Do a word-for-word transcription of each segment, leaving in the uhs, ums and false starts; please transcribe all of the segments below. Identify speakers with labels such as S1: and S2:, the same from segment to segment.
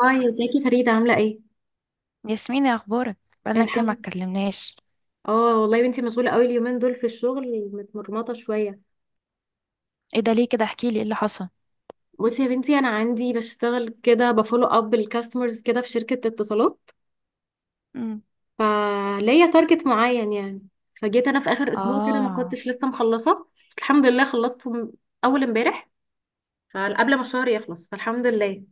S1: هاي، ازيك يا فريدة؟ عاملة ايه؟
S2: ياسمين، يا اخبارك؟ بقالنا كتير ما
S1: الحمد.
S2: اتكلمناش.
S1: اه والله يا بنتي مشغولة قوي اليومين دول في الشغل، متمرمطة شوية.
S2: ايه ده؟ ليه كده؟ احكي لي ايه اللي حصل؟
S1: بصي يا بنتي، انا عندي بشتغل كده بفولو اب الكاستمرز كده في شركة اتصالات.
S2: امم
S1: فليا تارجت معين يعني. فجيت انا في اخر اسبوع كده، ما
S2: اه.
S1: كنتش لسه مخلصة، بس الحمد لله خلصته اول امبارح. فقبل ما الشهر يخلص فالحمد لله.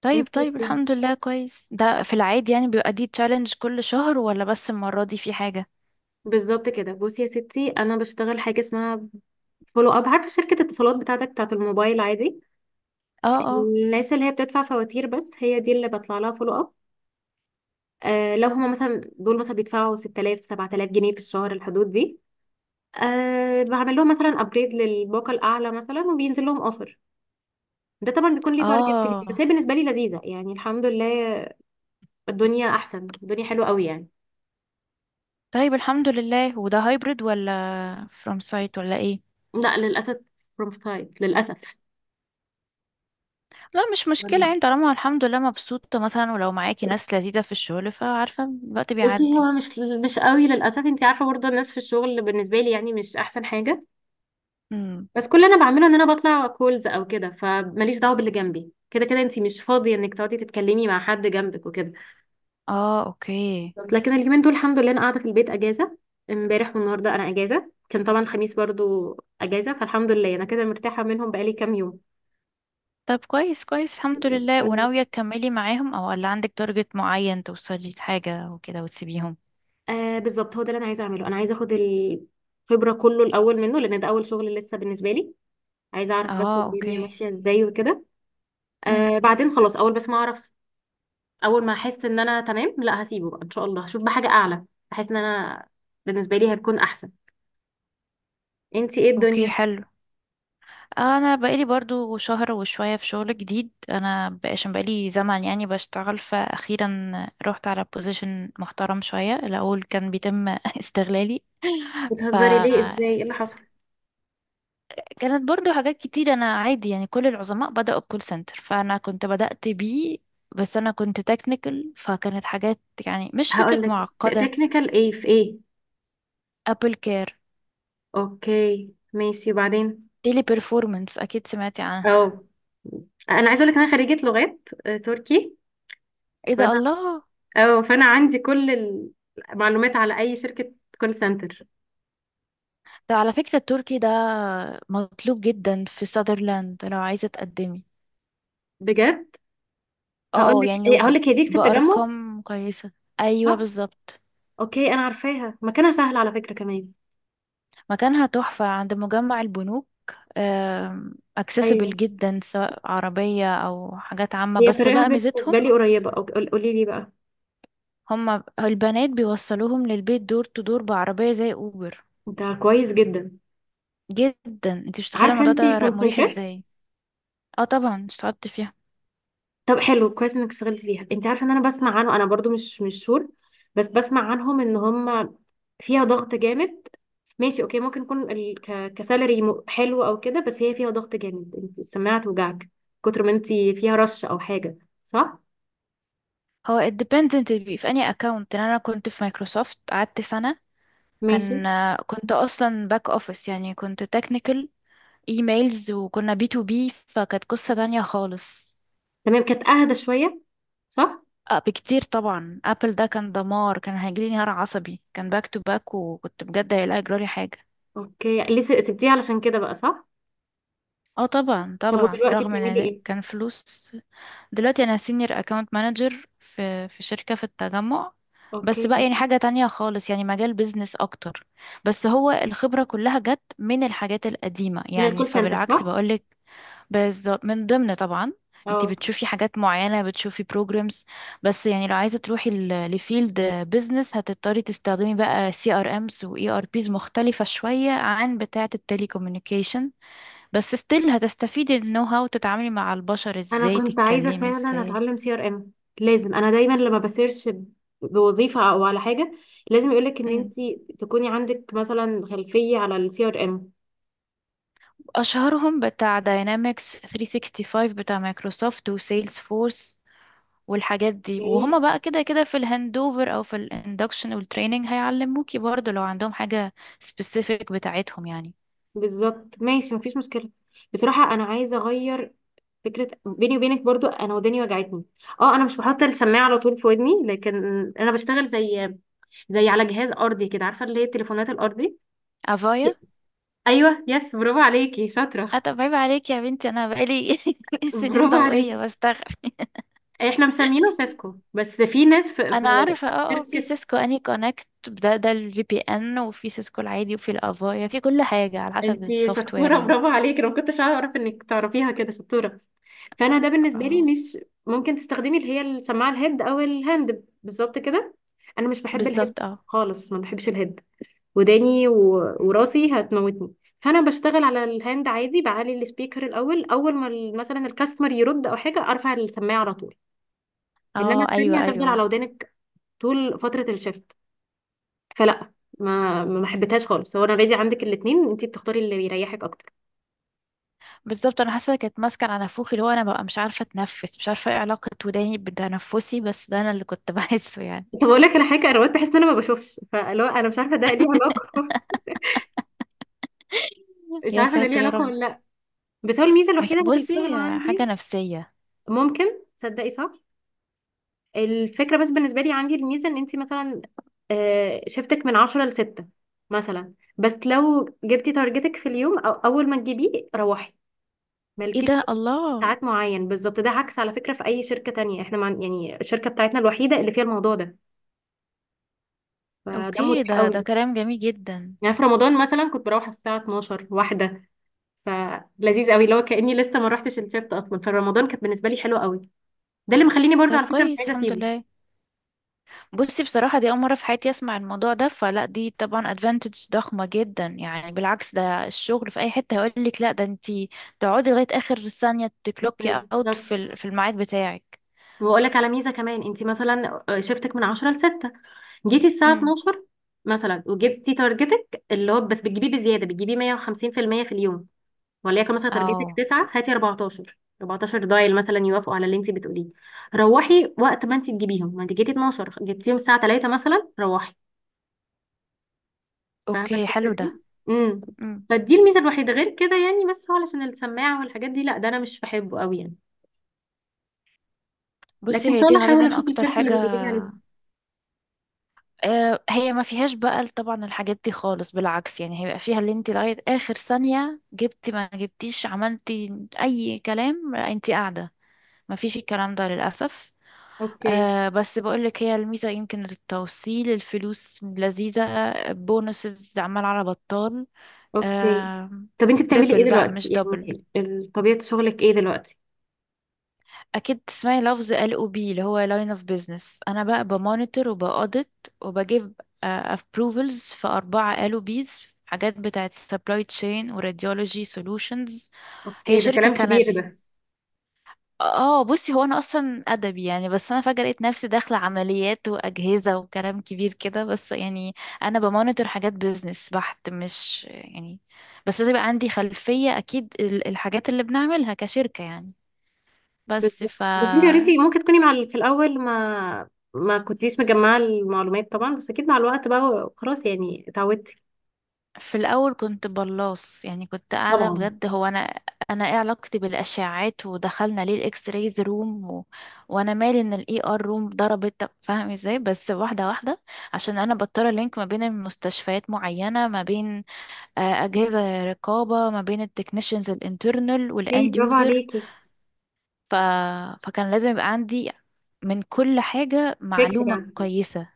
S2: طيب
S1: انتي
S2: طيب، الحمد لله كويس. ده في العادي يعني بيبقى دي تشالنج كل شهر، ولا بس المرة دي في حاجة؟
S1: بالظبط كده. بصي يا ستي، انا بشتغل حاجة اسمها فولو اب. عارفة شركة اتصالات بتاعتك بتاعت الموبايل عادي؟
S2: اه. اه.
S1: الناس اللي هي بتدفع فواتير، بس هي دي اللي بطلع لها فولو اب. آه، لو هما مثلا دول مثلا بيدفعوا ستة آلاف سبعة آلاف جنيه في الشهر، الحدود دي، آه بعمل لهم مثلا ابجريد للباقه الاعلى مثلا، وبينزل لهم اوفر. ده طبعا بيكون لي تارجت في اليوم، بس
S2: اه،
S1: هي بالنسبه لي لذيذه يعني، الحمد لله. الدنيا احسن، الدنيا حلوه قوي يعني.
S2: طيب الحمد لله. وده هايبرد ولا فروم سايت ولا ايه؟
S1: لا للاسف، فروم سايد للاسف.
S2: لا، مش مشكلة يعني، طالما الحمد لله مبسوطة مثلا، ولو معاكي ناس لذيذة في الشغل فعارفة الوقت
S1: بصي،
S2: بيعدي.
S1: هو مش مش قوي للاسف. انت عارفه برضه الناس في الشغل بالنسبه لي يعني مش احسن حاجه.
S2: امم
S1: بس كل اللي انا بعمله ان انا بطلع كولز او كده، فماليش دعوه باللي جنبي. كده كده انتي مش فاضيه انك تقعدي تتكلمي مع حد جنبك وكده.
S2: اه، اوكي.
S1: بالظبط. لكن اليومين دول الحمد لله انا قاعده في البيت اجازه. امبارح والنهارده انا اجازه، كان طبعا الخميس برضو اجازه، فالحمد لله انا كده مرتاحه منهم بقالي كام يوم.
S2: طب كويس كويس، الحمد لله. وناوية تكملي معاهم، او ولا عندك تارجت معين توصلي لحاجة وكده وتسيبيهم؟
S1: آه بالظبط، هو ده اللي انا عايزه اعمله. انا عايزه اخد الخبره كله الاول منه، لان ده اول شغل لسه بالنسبه لي. عايزه اعرف بس
S2: اه،
S1: الدنيا
S2: اوكي.
S1: ماشيه ازاي وكده.
S2: امم
S1: آه بعدين خلاص، اول بس ما اعرف، اول ما احس ان انا تمام، لا هسيبه بقى ان شاء الله، هشوف بحاجه اعلى. احس ان انا بالنسبه لي هتكون احسن. انتي ايه
S2: اوكي،
S1: الدنيا؟
S2: حلو. انا بقالي برضو شهر وشوية في شغل جديد، انا بقى- عشان بقالي زمن يعني بشتغل، فاخيرا رحت على بوزيشن محترم شوية. الاول كان بيتم استغلالي. ف
S1: بتهزري ليه؟ ازاي؟ ايه اللي حصل؟
S2: كانت برضو حاجات كتير. انا عادي يعني، كل العظماء بدأوا بكول سنتر فانا كنت بدأت بيه، بس انا كنت تكنيكال فكانت حاجات، يعني مش فكرة
S1: هقول لك
S2: معقدة.
S1: تكنيكال ايه في ايه.
S2: ابل كير،
S1: اوكي ماشي وبعدين.
S2: تيلي بيرفورمانس، اكيد سمعتي عنها.
S1: اه، انا عايزه اقول لك انا خريجه لغات، آه، تركي.
S2: ايه ده،
S1: فانا،
S2: الله!
S1: اه فانا عندي كل المعلومات على اي شركه كول سنتر.
S2: ده على فكرة التركي ده مطلوب جدا في ساذرلاند لو عايزة تقدمي.
S1: بجد، هقول
S2: اه
S1: لك
S2: يعني،
S1: ايه، هقول
S2: وب-
S1: لك، هي دي في التجمع؟
S2: بأرقام كويسة. ايوه
S1: صح.
S2: بالظبط.
S1: اوكي، انا عارفاها، مكانها سهل على فكره كمان.
S2: مكانها تحفة عند مجمع البنوك، اكسسبل
S1: ايوه،
S2: جدا سواء عربية أو حاجات عامة،
S1: هي
S2: بس
S1: طريقها
S2: بقى ميزتهم
S1: بالنسبة لي قريبة أو قول- قولي لي بقى.
S2: هما البنات بيوصلوهم للبيت، دور تدور بعربية زي أوبر.
S1: انت كويس جدا.
S2: جدا، انت مش متخيلة
S1: عارفة
S2: الموضوع
S1: انت
S2: ده ر- مريح
S1: كونسنتريكس؟
S2: ازاي. اه طبعا، اشتغلت فيها.
S1: طب حلو، كويس انك اشتغلت فيها. انت عارفة ان انا بسمع عنه؟ انا برضو مش مش شور، بس بسمع عنهم ان هم فيها ضغط جامد. ماشي اوكي، ممكن يكون ال... ك... كسالري م- حلو او كده، بس هي فيها ضغط جامد. انت السماعة توجعك كتر ما انت فيها رش او حاجة. صح.
S2: هو it depends. انت بي- في اني اكونت انا كنت في مايكروسوفت قعدت سنة.
S1: ماشي
S2: كان كنت اصلا باك اوفيس يعني كنت تكنيكال، ايميلز، وكنا بي تو بي فكانت قصة تانية خالص.
S1: تمام، كانت اهدى شوية. صح.
S2: آه، بكتير طبعا. ابل ده كان دمار، كان هيجيلي انهيار عصبي. كان باك تو باك وكنت بجد هيلاقي جرالي حاجه.
S1: اوكي، لسه سبتيها علشان كده بقى، صح؟
S2: اه طبعا
S1: طب
S2: طبعا،
S1: ودلوقتي
S2: رغم
S1: بتعملي
S2: ان
S1: ايه؟
S2: كان فلوس. دلوقتي انا سينيور اكاونت مانجر في في شركه في التجمع. بس بقى
S1: اوكي.
S2: يعني حاجه تانية خالص، يعني مجال بيزنس اكتر، بس هو الخبره كلها جت من الحاجات القديمه
S1: من
S2: يعني،
S1: الكول سنتر،
S2: فبالعكس
S1: صح؟
S2: بقولك. بالظبط من ضمن طبعا. انت
S1: اه.
S2: بتشوفي حاجات معينة، بتشوفي بروجرامز. بس يعني لو عايزة تروحي ل- لفيلد بيزنس هتضطري تستخدمي بقى سي ار امز واي ار بيز مختلفة شوية عن بتاعة التليكوميونيكيشن، بس ستيل هتستفيدي النو هاو تتعاملي مع البشر
S1: انا
S2: ازاي،
S1: كنت عايزه
S2: تتكلمي
S1: فعلا
S2: ازاي.
S1: اتعلم سي ار ام. لازم انا دايما لما بسيرش ب- بوظيفه او على حاجه، لازم يقولك ان انت
S2: مم.
S1: تكوني عندك مثلا خلفيه على السي ار ام.
S2: اشهرهم بتاع داينامكس تلتمية خمسة وستين بتاع مايكروسوفت، وسيلز فورس، والحاجات دي. وهما
S1: ايه؟
S2: بقى كده كده في الهاندوفر او في الاندكشن والتريننج هيعلموكي برضو لو عندهم حاجة سبيسيفيك بتاعتهم يعني.
S1: بالظبط، ماشي، مفيش مشكله. بصراحه انا عايزه اغير فكره. بيني وبينك برضو، انا وداني وجعتني. اه انا مش بحط السماعه على طول في ودني، لكن انا بشتغل زي زي على جهاز ارضي كده، عارفه اللي هي التليفونات الارضي.
S2: افايا.
S1: ايوه يس، برافو عليكي، شاطره.
S2: طب عيب عليك يا بنتي، انا بقالي سنين
S1: برافو
S2: ضوئية
S1: عليكي.
S2: بشتغل.
S1: احنا مسمينه سيسكو، بس في ناس في,
S2: انا
S1: في
S2: عارفة، اه. آه، في
S1: شركة.
S2: سيسكو اني كونكت، ده ده الفي بي ان، وفي سيسكو العادي، وفي الافايا، في كل حاجة على حسب
S1: انتي
S2: السوفت وير
S1: شطورة،
S2: يعني.
S1: برافو عليكي، انا ما كنتش اعرف انك تعرفيها كده، شطورة. فانا ده بالنسبة لي
S2: اه،
S1: مش. ممكن تستخدمي اللي هي السماعة الهيد او الهاند. بالظبط كده. انا مش بحب الهيد
S2: بالظبط، اه.
S1: خالص، ما بحبش الهيد. وداني و...
S2: مم.
S1: وراسي هتموتني. فانا بشتغل على الهاند عادي، بعلي السبيكر الاول، اول ما ال- مثلا الكاستمر يرد او حاجة ارفع السماعة على طول. انما
S2: اه ايوه
S1: التانية هتفضل على
S2: ايوه،
S1: ودانك طول فترة الشفت، فلا، ما ما حبيتهاش خالص. هو انا اوريدي عندك الاثنين، انت بتختاري اللي بيريحك اكتر.
S2: بالظبط. انا حاسه كانت ماسكه على نافوخي، اللي هو انا ببقى مش عارفه اتنفس، مش عارفه ايه علاقه وداني بتنفسي، بس ده انا اللي كنت بحسه يعني.
S1: طب اقول لك على حاجه، انا اوقات بحس ان انا ما بشوفش، فلو انا مش عارفه ده ليه علاقه، مش
S2: يا
S1: عارفه ده ليه
S2: ساتر يا
S1: علاقه
S2: رب!
S1: ولا لا. بس هو الميزه
S2: مش،
S1: الوحيده اللي في
S2: بصي،
S1: الشغل
S2: حاجه
S1: عندي،
S2: نفسيه.
S1: ممكن تصدقي، صح. الفكره بس بالنسبه لي، عندي الميزه ان انت مثلا، آه، شفتك من عشرة ل ستة مثلا، بس لو جبتي تارجتك في اليوم، او اول ما تجيبيه، روحي،
S2: ايه
S1: مالكيش
S2: ده،
S1: عدد
S2: الله!
S1: ساعات معين. بالظبط. ده عكس على فكره في اي شركه تانية. احنا مع يعني الشركه بتاعتنا الوحيده اللي فيها الموضوع ده، فده
S2: اوكي،
S1: مريح
S2: ده ده
S1: قوي.
S2: كلام جميل جدا.
S1: يعني في رمضان مثلا كنت بروح الساعة اتناشر واحدة، فلذيذ قوي اللي هو كأني لسه ما روحتش الشفت أصلا، فرمضان كانت بالنسبة لي حلوة قوي. ده اللي مخليني برضو
S2: طب
S1: على فكرة مش
S2: كويس،
S1: عايزة
S2: الحمد
S1: أسيبه.
S2: لله. بصي بصراحه دي اول مره في حياتي اسمع الموضوع ده، فلا دي طبعا ادفانتج ضخمه جدا يعني. بالعكس، ده الشغل في اي حته هيقول لك لا، ده انتي تقعدي لغايه اخر ثانيه تكلوكي اوت
S1: بالظبط.
S2: في ال- في الميعاد بتاعك.
S1: وأقول لك على ميزة كمان، أنت مثلا شفتك من عشرة ل ستة، جيتي الساعة
S2: امم
S1: اتناشر مثلا، وجبتي تارجتك، اللي هو بس بتجيبيه بزيادة، بتجيبيه مائة وخمسين في المئة في المية في اليوم، وليكن مثلا تارجتك
S2: اه،
S1: تسعة هاتي اربعة عشر، اربعتاشر دايل مثلا يوافقوا على اللي انت بتقوليه، روحي وقت ما انت تجيبيهم. ما انت جيتي اثنا عشر، جبتيهم الساعه تلاتة مثلا، روحي. فاهمه
S2: اوكي
S1: الحته
S2: حلو
S1: دي؟
S2: ده.
S1: امم
S2: مم.
S1: فدي الميزه الوحيده، غير كده يعني بس هو علشان السماعه والحاجات دي، لا ده انا مش بحبه قوي يعني.
S2: بصي،
S1: لكن ان
S2: هي
S1: شاء
S2: دي
S1: الله احاول
S2: غالبا
S1: اشوف
S2: اكتر
S1: الشركه اللي
S2: حاجة.
S1: بتقولي لي عليها.
S2: آه، هي ما فيهاش بقى طبعا الحاجات دي خالص. بالعكس يعني، هيبقى فيها اللي انت لغاية اخر ثانية جبتي ما جبتيش عملتي اي كلام، انت قاعدة. ما فيش الكلام ده للأسف.
S1: اوكي،
S2: آه، بس بقولك هي الميزة يمكن التوصيل، الفلوس لذيذة، بونسز عمال على بطال.
S1: اوكي.
S2: آه.
S1: طب انت بتعملي
S2: تريبل
S1: ايه
S2: بقى،
S1: دلوقتي؟
S2: مش دبل.
S1: يعني ال- طبيعه شغلك ايه دلوقتي؟
S2: اكيد تسمعي لفظ ال او بي اللي هو لاين اوف بيزنس. انا بقى بمونيتور وبأودت وبجيب ابروفلز في اربعه ال او بيز، حاجات بتاعه سبلاي تشين وراديولوجي سولوشنز. هي
S1: اوكي، ده
S2: شركه
S1: كلام كبير
S2: كندي.
S1: ده.
S2: اه بصي، هو انا اصلا ادبي يعني، بس انا فجاه لقيت نفسي داخله عمليات واجهزه وكلام كبير كده، بس يعني انا بمونيتور حاجات بيزنس بحت، مش يعني، بس لازم يبقى عندي خلفيه اكيد ال- الحاجات اللي بنعملها كشركه يعني. بس
S1: بالظبط.
S2: ف
S1: بس انت قلتي ممكن تكوني مع ال- في الاول ما ما كنتيش مجمعه المعلومات طبعا، بس اكيد مع الوقت بقى خلاص يعني اتعودتي.
S2: في الاول كنت بلاص يعني، كنت قاعده
S1: طبعا.
S2: بجد. هو انا انا ايه علاقتي بالاشعاعات؟ ودخلنا ليه الاكس رايز روم و... وانا مالي ان الاي ار روم ضربت؟ طب فاهم ازاي، بس واحده واحده، عشان انا بضطر لينك ما بين المستشفيات معينه، ما بين آه، اجهزه رقابه، ما بين التكنيشنز الانترنال
S1: هي
S2: والاند
S1: برافو
S2: يوزر.
S1: عليكي.
S2: ف... فكان لازم يبقى عندي من كل حاجه معلومه
S1: فكره.
S2: كويسه.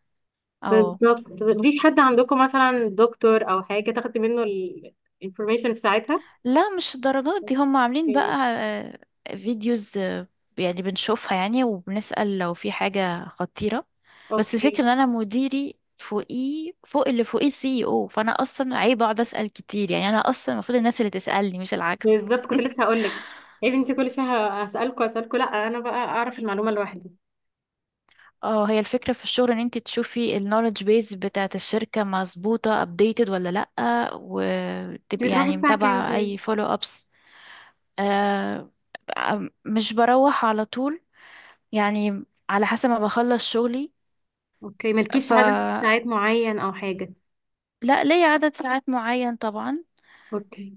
S2: آه.
S1: بالظبط. مفيش حد عندكم مثلا دكتور او حاجه تاخدي منه الانفورميشن في ساعتها؟
S2: لا، مش الدرجات دي. هم عاملين
S1: اوكي.
S2: بقى آه، فيديوز، آه، يعني بنشوفها يعني وبنسأل لو في حاجة خطيرة. بس الفكرة
S1: اوكي.
S2: ان انا مديري فوقيه، فوق اللي فوقيه سي او، فانا اصلا عيب اقعد اسأل كتير يعني. انا اصلا المفروض الناس اللي تسألني مش العكس.
S1: بالظبط، كنت لسه هقول لك، عيب انت كل شويه ه- هسالكوا، هسالكوا لا انا بقى اعرف المعلومه لوحدي.
S2: اه، هي الفكرة في الشغل ان انت تشوفي النولج بيز بتاعت الشركة مظبوطة updated ولا لأ،
S1: انت
S2: وتبقي
S1: بتروحي
S2: يعني
S1: الساعه كام
S2: متابعة
S1: طيب؟
S2: اي فولو ابس. آه، مش بروح على طول يعني، على حسب ما بخلص شغلي.
S1: اوكي، مالكيش
S2: ف
S1: عدد ساعات معين او حاجه؟
S2: لا، ليا عدد ساعات معين طبعا،
S1: اوكي.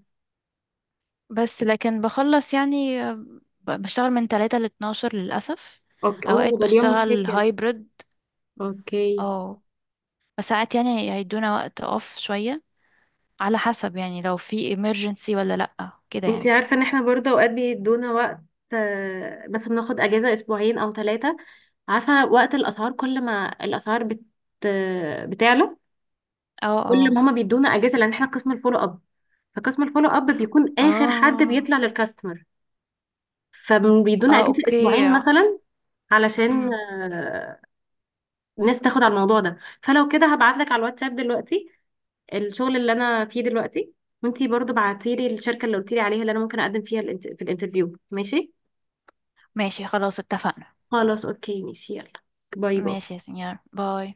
S2: بس لكن بخلص يعني. ب- بشتغل من تلاتة ل اتناشر للأسف.
S1: اوكي، اوه
S2: أوقات
S1: ده اليوم
S2: بشتغل
S1: متسجل.
S2: هايبرد
S1: اوكي.
S2: أو بس ساعات يعني هيدونا وقت أوف شوية، على حسب يعني لو في emergency ولا لأ كده
S1: انت
S2: يعني.
S1: عارفه ان احنا برضه اوقات بيدونا وقت، آه، بس بناخد اجازه اسبوعين او ثلاثه. عارفه وقت الاسعار، كل ما الاسعار بت... بتعلى،
S2: اه.
S1: كل
S2: اه.
S1: ما هما بيدونا اجازه، لان احنا قسم الفولو اب. فقسم الفولو اب بيكون اخر حد
S2: اه.
S1: بيطلع للكاستمر، فبيدونا
S2: اه،
S1: اجازه
S2: اوكي.
S1: اسبوعين مثلا، علشان
S2: امم
S1: آه، الناس تاخد على الموضوع ده. فلو كده هبعت لك على الواتساب دلوقتي الشغل اللي انا فيه دلوقتي، وانتي برضو بعتي لي الشركه اللي قلتي لي عليها اللي انا ممكن اقدم فيها الانت- في الانترفيو. ماشي؟
S2: ماشي، خلاص، اتفقنا.
S1: خلاص اوكي ماشي، يلا، باي باي.
S2: ماشي يا سنيور، باي.